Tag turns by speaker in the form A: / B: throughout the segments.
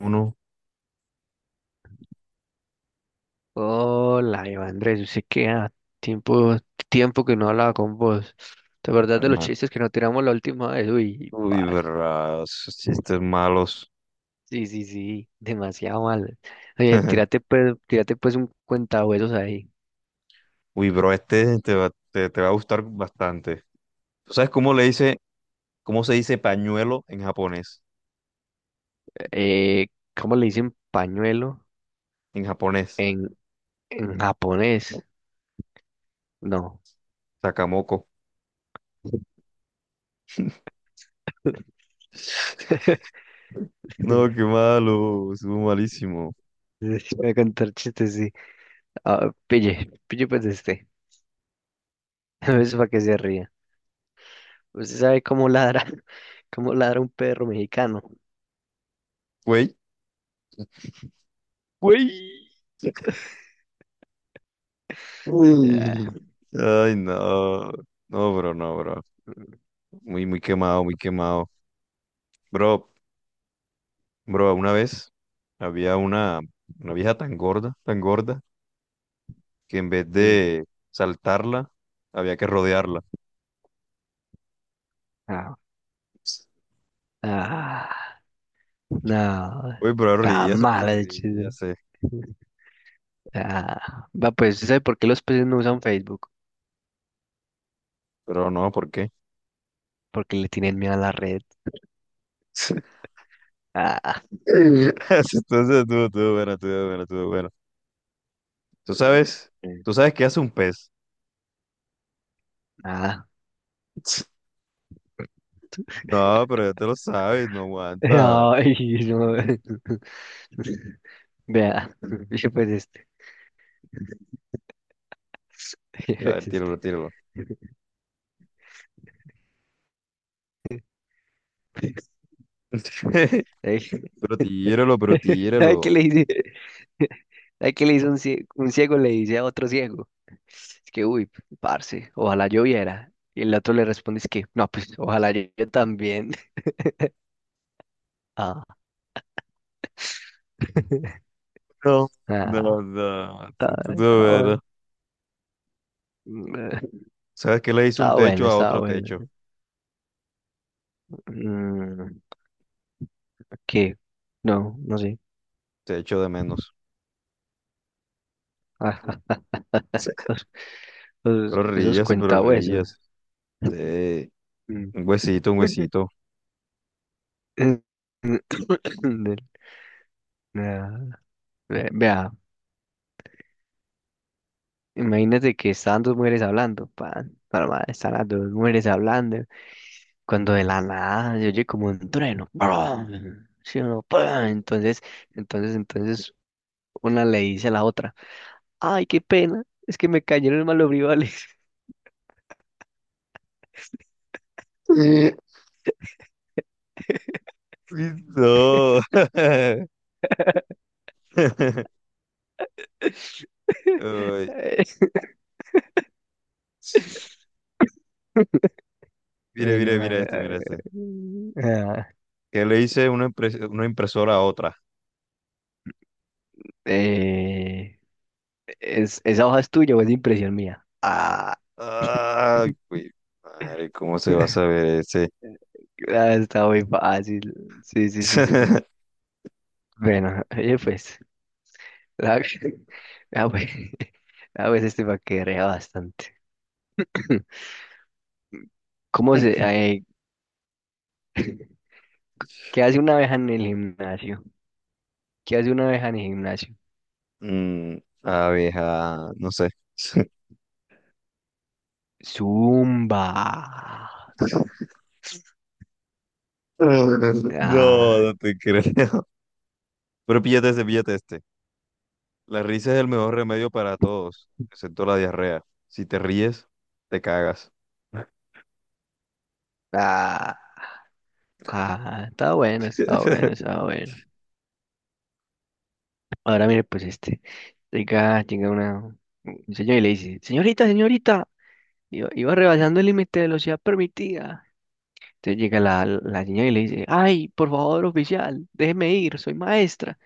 A: Uno,
B: Hola, Iván Andrés, yo sé que tiempo, tiempo que no hablaba con vos. ¿Te acordás de los
A: hermano.
B: chistes que nos tiramos la última vez? Uy,
A: Uy,
B: par.
A: verdad, esos chistes malos.
B: Sí, sí, sí, demasiado mal. Oye, tírate pues un cuentahuesos ahí.
A: Uy, bro, este te va a gustar bastante. ¿Tú sabes cómo le dice, cómo se dice pañuelo en japonés?
B: Eh, ¿Cómo le dicen pañuelo
A: En japonés,
B: en, en japonés? No.
A: sakamoko. No, qué malo, estuvo malísimo.
B: Voy a contar chistes, sí. Ah, pille, pille pues este. Es para que se ría. ¿Usted sabe cómo ladra, cómo ladra un perro mexicano?
A: Güey.
B: Güey. Ah,
A: Uy. Ay, no. No, bro, no, bro. Muy, muy quemado, muy quemado. Bro, bro, una vez había una vieja tan gorda, tan gorda, que en vez
B: mm,
A: de saltarla, había que rodearla.
B: no, ah, no,
A: Uy, pero
B: está
A: ríase,
B: mala
A: pero
B: de
A: ríase.
B: Va, pues, ¿sabe por qué los peces no usan Facebook?
A: Pero no, ¿por qué?
B: Porque le tienen miedo a la red. Ah,
A: Entonces, estuvo bueno, estuvo bueno, estuvo bueno. Tú
B: mm,
A: sabes, tú sabes qué hace un pez.
B: ah.
A: No, pero ya te lo sabes, no aguanta.
B: Ay, no. Vea, yo pues este. Yo
A: A ver,
B: pues
A: tíralo,
B: este.
A: tíralo.
B: Ey.
A: Pero tíralo, pero
B: ¿Sabe qué
A: tíralo.
B: le dice? ¿Sabe qué le dice un ciego? Un ciego le dice a otro ciego. Es que, uy, parce, ojalá lloviera. Y el otro le responde, es que, no, pues, ojalá yo también. Ah,
A: No, no,
B: ah,
A: no.
B: está,
A: Estuvo
B: está bueno.
A: bueno.
B: Mm.
A: ¿Sabes qué le hizo un
B: Está bueno,
A: techo a
B: está
A: otro
B: bueno.
A: techo?
B: Mm. ¿Qué? No, no sé.
A: Techo de menos.
B: Ah, Esos,
A: Pero
B: esos
A: ríase, pero
B: cuentahuesos.
A: ríase. Sí,
B: Mm.
A: un huesito, un huesito.
B: Del- ah, Vea, imagínate que estaban dos mujeres hablando, pan, normal, están las dos mujeres hablando, cuando de la nada se oye como un trueno, ¡prum! Sí, uno, ¡prum! Entonces, una le dice a la otra, ay, qué pena, es que me cayeron mal los brivales.
A: Eh, Uy, no. Uy, sí. Mire, mire,
B: No,
A: mira este, mira este.
B: ah,
A: ¿Qué le dice una impresora a otra?
B: eh, es, esa hoja es tuya o es impresión mía. Ah,
A: Ay, güey, madre, ¿cómo se va a saber ese?
B: ah, está muy fácil. Sí, sí, sí, sí, sí. Bueno, oye, pues. Ah, ah, pues, ah, pues este paquetea bastante. ¿Cómo se, eh, ¿qué hace una abeja en el gimnasio? ¿Qué hace una abeja en el gimnasio?
A: Mm, abeja, no sé.
B: Zumba.
A: No,
B: Ah,
A: no te creo. Pero píllate este, píllate este. La risa es el mejor remedio para todos, excepto la diarrea. Si te ríes, te cagas.
B: ah, ah, está bueno, está bueno, está bueno. Ahora mire, pues este, llega una, un señor y le dice, señorita, señorita, iba rebasando el límite de velocidad permitida. Entonces llega la, la señora y le dice, ay, por favor, oficial, déjeme ir, soy maestra.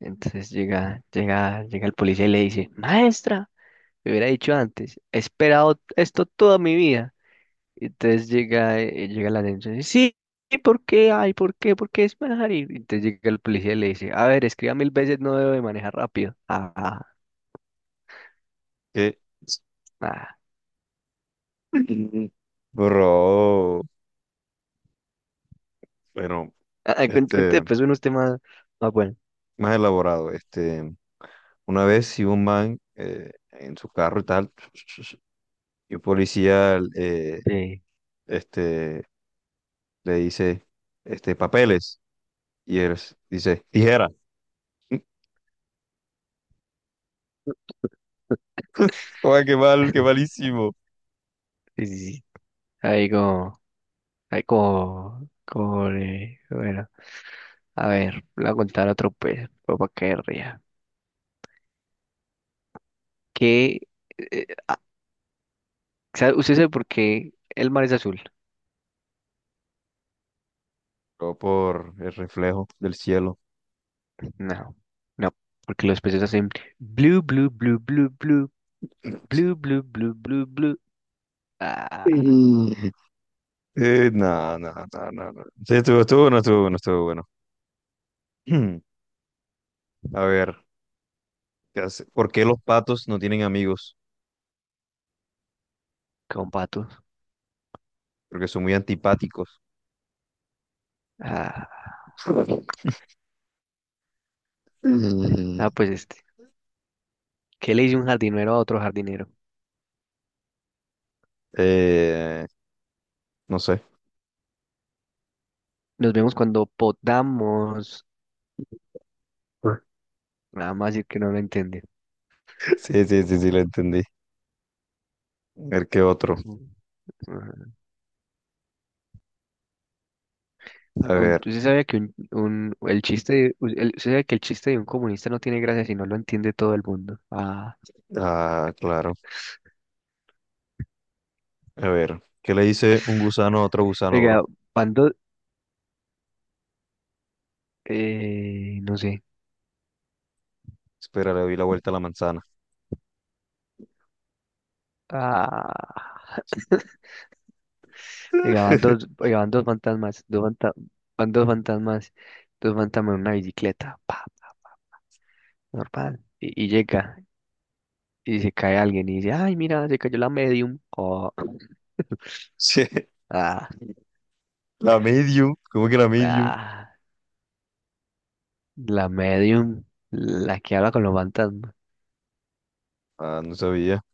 B: Entonces llega el policía y le dice, maestra, me hubiera dicho antes, he esperado esto toda mi vida. Y entonces llega, llega la denuncia y dice, sí, ¿por qué? Ay, ¿por qué? ¿Por qué es manejar? Y entonces llega el policía y le dice, a ver, escriba mil veces, no debo de manejar rápido.
A: Que-
B: Ah.
A: bro, bueno,
B: Ah, cuente
A: este,
B: después unos temas más buenos.
A: más elaborado, este, una vez si un man en su carro y tal, y un policía
B: Sí,
A: este, le dice, este, papeles, y dice, tijera. Joder, qué mal, qué malísimo.
B: sí, sí, sí. Ahí como, ahí como, bueno, a ver, voy a contar otro pues, para que ría. ¿Qué? ¿Usted sabe por qué el mar es azul?
A: Pero por el reflejo del cielo.
B: No, no, porque los peces hacen blue, blue, blue, blue, blue, blue, blue, blue, blue, blue. Ah,
A: Mm. No, no, no, no, no. Sí, no estuvo bueno. A ver. ¿Qué hace? ¿Por qué los patos no tienen amigos?
B: con patos.
A: Porque son muy antipáticos.
B: Ah,
A: Mm,
B: pues este. ¿Qué le dice un jardinero a otro jardinero?
A: eh, no sé.
B: Nos vemos cuando podamos. Nada más decir que no lo entiende.
A: Sí, sí, sí, sí, lo entendí. A ver, ¿qué otro?
B: Ujú.
A: A ver,
B: ¿Usted sabía que un- el chiste de- u- el- usted sabe que el chiste de un comunista no tiene gracia si no lo entiende todo el mundo? Ah,
A: ah, claro. A ver, ¿qué le dice un gusano a otro gusano,
B: oiga,
A: bro?
B: cuando no sé.
A: Espera, le doy la vuelta a la manzana.
B: Ah, llegaban dos fantasmas, dos fantasmas, dos fantasmas en una bicicleta, pa, pa, normal. Y llega, y se cae alguien y dice, ay, mira, se cayó la medium. Oh,
A: Sí,
B: ah,
A: la medium, ¿cómo que la medium?
B: ah, la medium, la que habla con los fantasmas.
A: Ah, no sabía.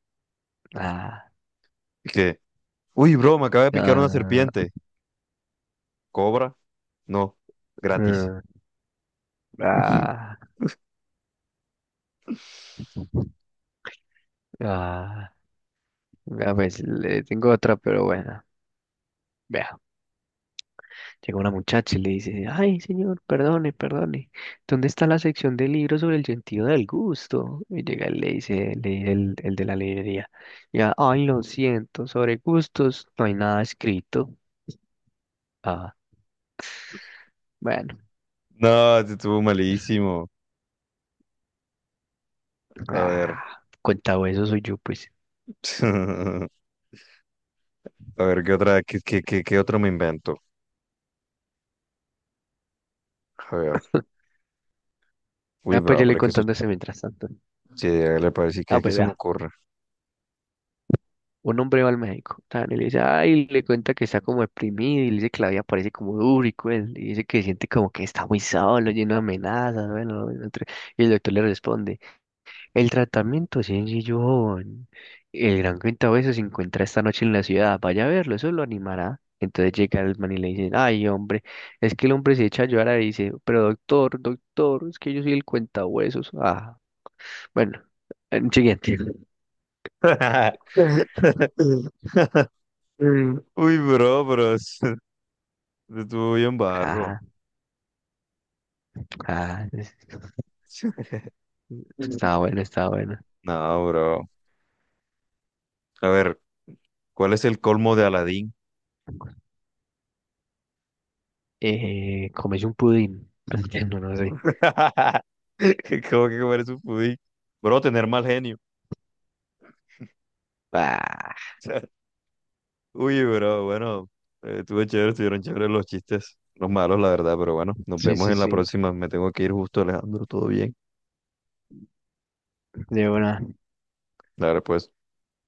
B: Ah,
A: ¿Qué? Uy, bro, me acaba de picar una
B: ah,
A: serpiente. ¿Cobra? No, gratis.
B: ah, ah, ah, ah, pues le tengo otra, pero bueno. Llega una muchacha y le dice, ay, señor, perdone, perdone, ¿dónde está la sección de libros sobre el sentido del gusto? Y llega y le dice el de la librería, ya, ay, lo siento, sobre gustos no hay nada escrito. Ah, bueno,
A: No, este estuvo malísimo. A ver.
B: ah, cuenta eso soy yo, pues.
A: A ver, ¿qué otra, qué, qué, qué, qué otro me invento? A ver. Uy,
B: Ah, pues
A: bro,
B: yo le
A: pero es que eso,
B: contando eso mientras tanto.
A: sí, ¿le parece? Decir
B: Ah,
A: que
B: pues
A: se me
B: vea.
A: ocurre.
B: Un hombre va al médico, tan, y le dice, ay, le cuenta que está como deprimido, y le dice que la vida parece como dura y cruel, y dice que siente como que está muy solo, lleno de amenazas, bueno, no, y el doctor le responde, el tratamiento es sencillo, joven. El gran cuentabesos se encuentra esta noche en la ciudad, vaya a verlo, eso lo animará. Entonces llega el man y le dice, ay, hombre, es que el hombre se echa a llorar y dice, pero doctor, doctor, es que yo soy el cuentahuesos. Ah, bueno, siguiente.
A: Uy, bro, bro, es- estuvo bien barro.
B: Ajá, ajá. Estaba buena, estaba buena.
A: No, bro. A ver, ¿cuál es el colmo de Aladín?
B: Comes un pudín. No, no sé.
A: ¿Cómo que comer su pudín? Bro, tener mal genio.
B: Ah,
A: Uy, bro, bueno, estuvo chévere, estuvieron chéveres los chistes, los malos, la verdad, pero bueno, nos
B: sí,
A: vemos
B: sí,
A: en la
B: sí.
A: próxima. Me tengo que ir justo, Alejandro, todo bien.
B: De una.
A: Dale, pues.